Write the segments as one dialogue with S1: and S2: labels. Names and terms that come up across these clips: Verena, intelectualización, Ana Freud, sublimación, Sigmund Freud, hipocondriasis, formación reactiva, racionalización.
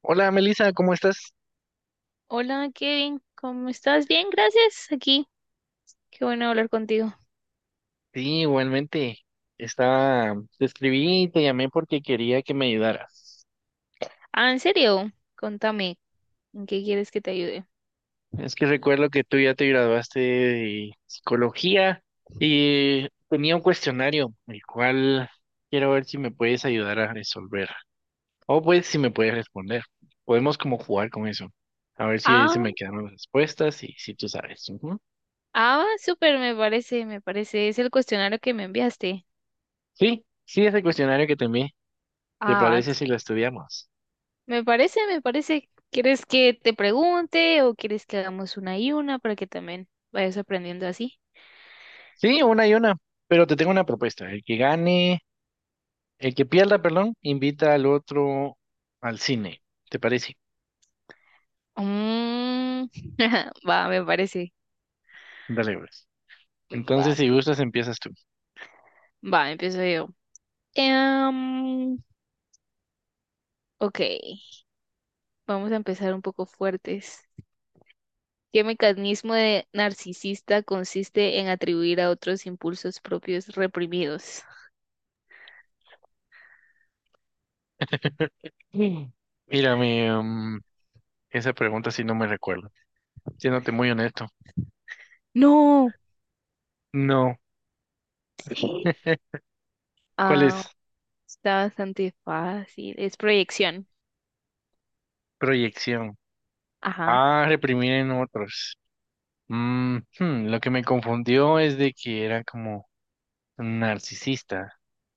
S1: Hola Melissa, ¿cómo estás?
S2: Hola Kevin, ¿cómo estás? Bien, gracias. Aquí, qué bueno hablar contigo.
S1: Sí, igualmente. Te escribí y te llamé porque quería que me ayudaras.
S2: Ah, en serio, contame, ¿en qué quieres que te ayude?
S1: Es que recuerdo que tú ya te graduaste de psicología y tenía un cuestionario, el cual quiero ver si me puedes ayudar a resolver. O pues si me puedes responder. Podemos como jugar con eso. A ver si
S2: Ah,
S1: se me quedan las respuestas y si tú sabes. Ujú.
S2: va, súper, me parece. Es el cuestionario que me enviaste.
S1: Sí, sí, ese cuestionario que te envié. ¿Te
S2: Ah,
S1: parece
S2: antes.
S1: si lo estudiamos?
S2: Me parece. ¿Quieres que te pregunte o quieres que hagamos una y una para que también vayas aprendiendo así?
S1: Sí, una y una, pero te tengo una propuesta. El que pierda, perdón, invita al otro al cine. ¿Te parece?
S2: Mm, va, me parece.
S1: Dale, pues.
S2: Mm, va,
S1: Entonces, si gustas, empiezas tú.
S2: empiezo yo. Em, ok, vamos a empezar un poco fuertes. ¿Qué mecanismo de narcisista consiste en atribuir a otros impulsos propios reprimidos?
S1: Mm. Mírame, esa pregunta sí no me recuerdo. Siéndote muy honesto.
S2: No.
S1: No. ¿Cuál
S2: Ah,
S1: es?
S2: está bastante fácil. Es proyección.
S1: Proyección.
S2: Ajá.
S1: Ah, reprimir en otros. Lo que me confundió es de que era como narcisista.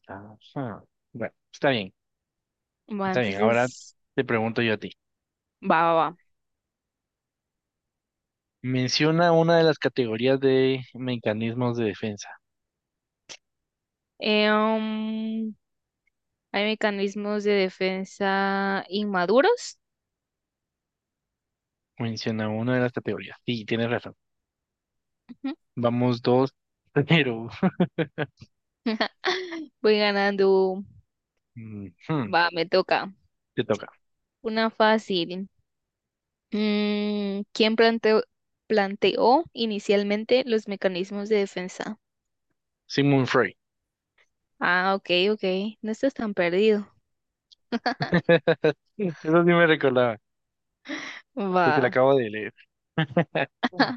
S1: Ajá. Bueno, está bien,
S2: Va,
S1: está bien. Ahora
S2: entonces,
S1: te pregunto yo a ti.
S2: va.
S1: Menciona una de las categorías de mecanismos de defensa.
S2: Eh, um, hay mecanismos de defensa inmaduros.
S1: Menciona una de las categorías. Sí, tienes razón.
S2: Ujú.
S1: Vamos dos, pero
S2: Voy ganando.
S1: ujú,
S2: Va, me toca.
S1: te toca.
S2: Una fácil. Mm, ¿planteó inicialmente los mecanismos de defensa?
S1: Sigmund Freud.
S2: Ah, ok, ok. No estás tan perdido.
S1: Eso sí me recordaba, porque la
S2: Va.
S1: acabo de leer.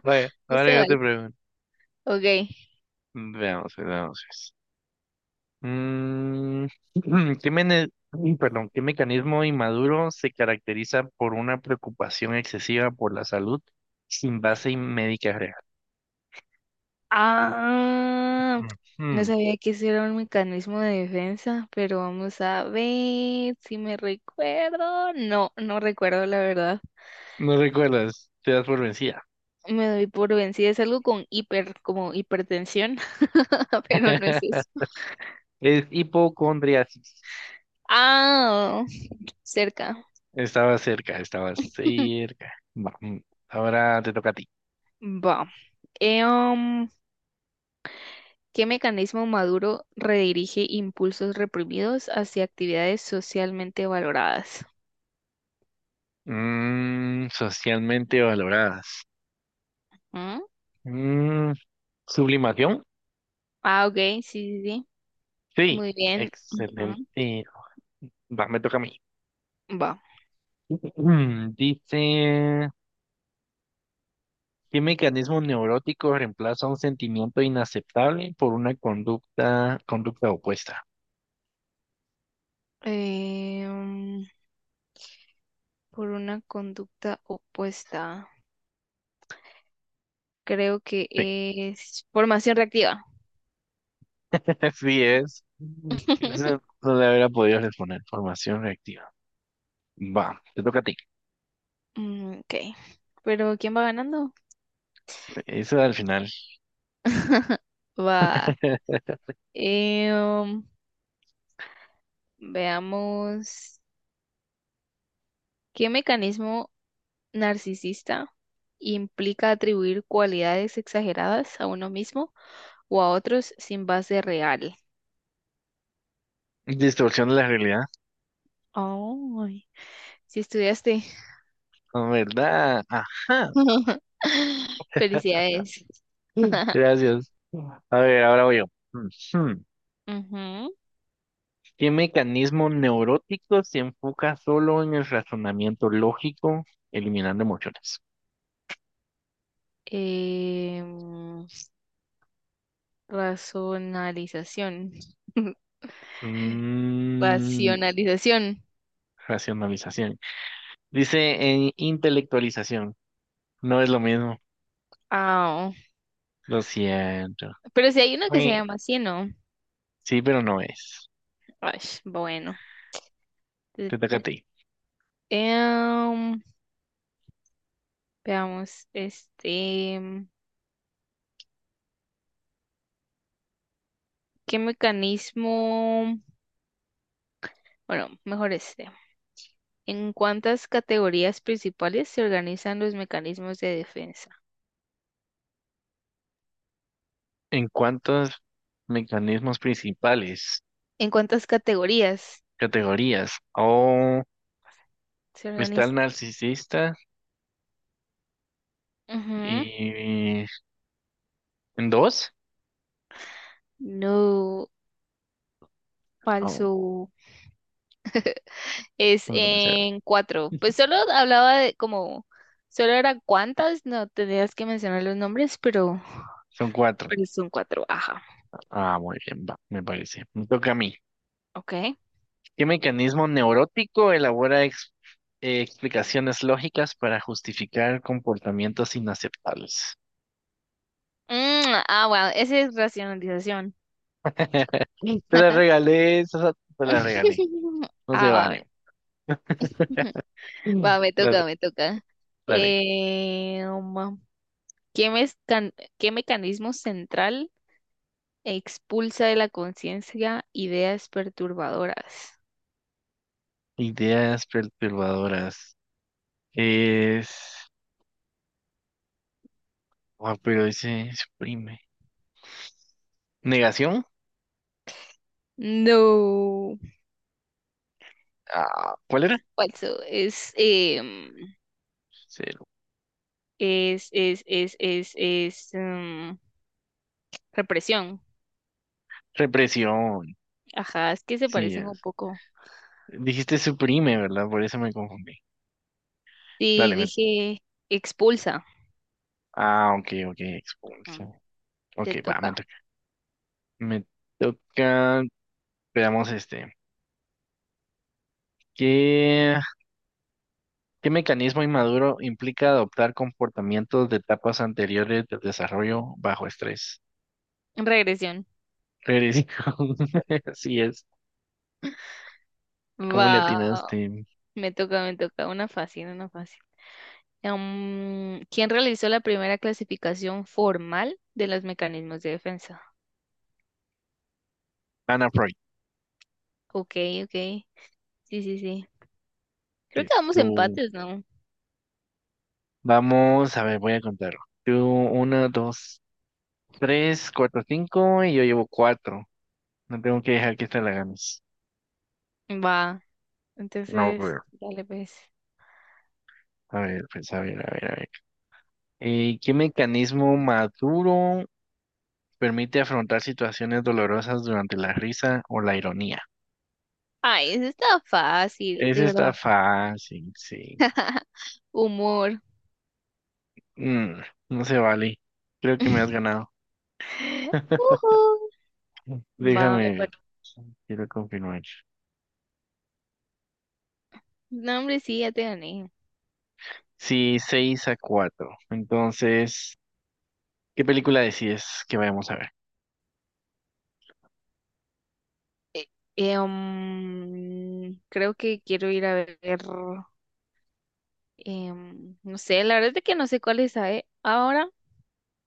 S1: Vaya,
S2: No se
S1: ahora yo
S2: vale.
S1: te pregunto.
S2: Ok.
S1: Veamos, pues, veamos. Pues. Mm, uy, perdón, ¿qué mecanismo inmaduro se caracteriza por una preocupación excesiva por la salud sin base médica real?
S2: Ah, no
S1: Ujú.
S2: sabía que ese era un mecanismo de defensa, pero vamos a ver si me recuerdo. No, no recuerdo la verdad.
S1: No recuerdas, te das por vencida.
S2: Me doy por vencida. Es algo con hiper, como hipertensión, pero no es eso.
S1: Es hipocondriasis.
S2: Ah, cerca.
S1: Estaba cerca, estaba cerca. Va, ahora te toca a ti.
S2: Va. Em, ¿Qué mecanismo maduro redirige impulsos reprimidos hacia actividades socialmente valoradas?
S1: Socialmente valoradas.
S2: ¿Mm?
S1: Mm, ¿Sublimación?
S2: Ah, ok, sí, sí, sí.
S1: Sí,
S2: Muy bien, ujú.
S1: excelente. Va, me toca a mí.
S2: Va.
S1: Dice, ¿qué mecanismo neurótico reemplaza un sentimiento inaceptable por una conducta opuesta?
S2: Eh, mm, por una conducta opuesta. Creo que
S1: Sí,
S2: es formación reactiva.
S1: así es. Mm. Eso no le hubiera podido responder. Formación reactiva. Va, te toca a ti.
S2: Mm, ok. Pero ¿quién va ganando?
S1: Eso al final.
S2: Va. Eh, um, veamos. ¿Qué mecanismo narcisista implica atribuir cualidades exageradas a uno mismo o a otros sin base real?
S1: Distorsión de la realidad.
S2: Ay, si estudiaste.
S1: Ah, ¿verdad? Ajá.
S2: Felicidades.
S1: Gracias. A ver, ahora voy yo. Ujú.
S2: Ujú.
S1: ¿Qué mecanismo neurótico se enfoca solo en el razonamiento lógico, eliminando emociones?
S2: Em, razonalización.
S1: Mm,
S2: Racionalización.
S1: Racionalización. Dice en intelectualización. No es lo mismo.
S2: Ah,
S1: Lo siento.
S2: pero si hay uno que se
S1: Ui.
S2: llama así, ¿no?
S1: Sí, pero no es.
S2: Ay, bueno. Te-
S1: Te toca a ti.
S2: em, veamos, este, ¿qué mecanismo? Bueno, mejor este. ¿En cuántas categorías principales se organizan los mecanismos de defensa?
S1: ¿En cuántos mecanismos principales,
S2: ¿En cuántas categorías
S1: categorías? Oh,
S2: se
S1: está el
S2: organiza?
S1: narcisista
S2: Ujú.
S1: y en dos.
S2: No,
S1: Oh,
S2: falso. Es
S1: ¿cuánto puede ser?
S2: en cuatro. Pues solo hablaba de como, solo era cuántas, no tenías que mencionar los nombres,
S1: Son cuatro.
S2: pero son cuatro. Ajá,
S1: Ah, muy bien, va, me parece. Me toca a mí.
S2: ok.
S1: ¿Qué mecanismo neurótico elabora explicaciones lógicas para justificar comportamientos inaceptables?
S2: Mm, ah, bueno, esa es racionalización.
S1: Te la regalé, Sasa, te la regalé. No
S2: Ah,
S1: se
S2: va, a
S1: vale.
S2: ver.
S1: Mm.
S2: Va,
S1: Dale,
S2: me toca.
S1: dale.
S2: Eh, um, ¿Qué mezcan- qué mecanismo central expulsa de la conciencia ideas perturbadoras?
S1: Ideas perturbadoras. Es... Ah, pero dice suprime. ¿Negación?
S2: No,
S1: Ah, ¿cuál era?
S2: falso. Em,
S1: Cero.
S2: es, em, represión.
S1: Represión.
S2: Ajá, es que se
S1: Sí,
S2: parecen un
S1: es.
S2: poco.
S1: Dijiste suprime, ¿verdad? Por eso me confundí.
S2: Sí,
S1: Dale,
S2: dije expulsa.
S1: ah, ok, ok,
S2: Ujú,
S1: expulsión. Ok,
S2: te
S1: va, me
S2: toca.
S1: Me toca, veamos este. ¿Qué, qué mecanismo inmaduro implica adoptar comportamientos de etapas anteriores del desarrollo bajo estrés?
S2: Regresión.
S1: Eres- Así es, ¿cómo le
S2: Va,
S1: atinaste?
S2: me toca. Una fácil, una fácil. ¿Quién realizó la primera clasificación formal de los mecanismos de defensa?
S1: Ana Freud.
S2: Ok, ok. Sí, sí, sí. Creo que
S1: Es
S2: vamos
S1: tú.
S2: empates, ¿no?
S1: Vamos, a ver, voy a contar. Tú, uno, dos, tres, cuatro, cinco, y yo llevo cuatro. No tengo que dejar que esta la ganes.
S2: Va.
S1: No,
S2: Entonces,
S1: pero,
S2: dale pues.
S1: a ver, pues, a ver, a ver, a ver. ¿Qué mecanismo maduro? Permite afrontar situaciones dolorosas durante la risa o la ironía.
S2: Ay, eso está fácil,
S1: Ese
S2: de verdad.
S1: está fácil, sí.
S2: Humor.
S1: Mm, no se vale. Creo que me has ganado.
S2: Ujú. Va, me
S1: Déjame
S2: par-
S1: ver. Quiero confirmar.
S2: No, hombre, sí, ya te gané.
S1: Sí, 6-4. Entonces, ¿qué película decides que vayamos a ver?
S2: Eh, creo que quiero ir a ver, no sé, la verdad es de que no sé cuál es a- ahora,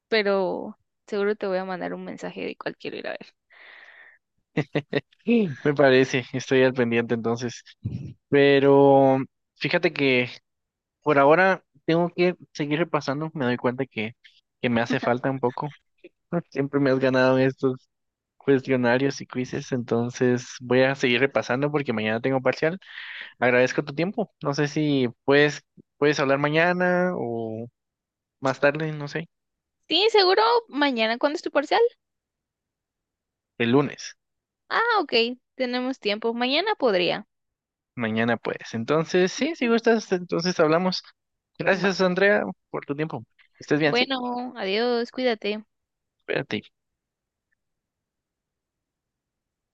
S2: pero seguro te voy a mandar un mensaje de cuál quiero ir a ver.
S1: Sí. Me parece, estoy al pendiente entonces. Pero fíjate que por ahora tengo que seguir repasando. Me doy cuenta que, me hace falta un poco. Siempre me has ganado en estos cuestionarios y quizzes, entonces voy a seguir repasando porque mañana tengo parcial. Agradezco tu tiempo. No sé si puedes hablar mañana o más tarde, no sé,
S2: Sí, seguro mañana cuando es tu parcial.
S1: el lunes.
S2: Ah, ok, tenemos tiempo. Mañana podría.
S1: Mañana puedes. Entonces, sí, si
S2: Ujú.
S1: gustas, entonces hablamos. Gracias,
S2: Va.
S1: Andrea, por tu tiempo. Estés bien, sí.
S2: Bueno, adiós, cuídate.
S1: Espérate.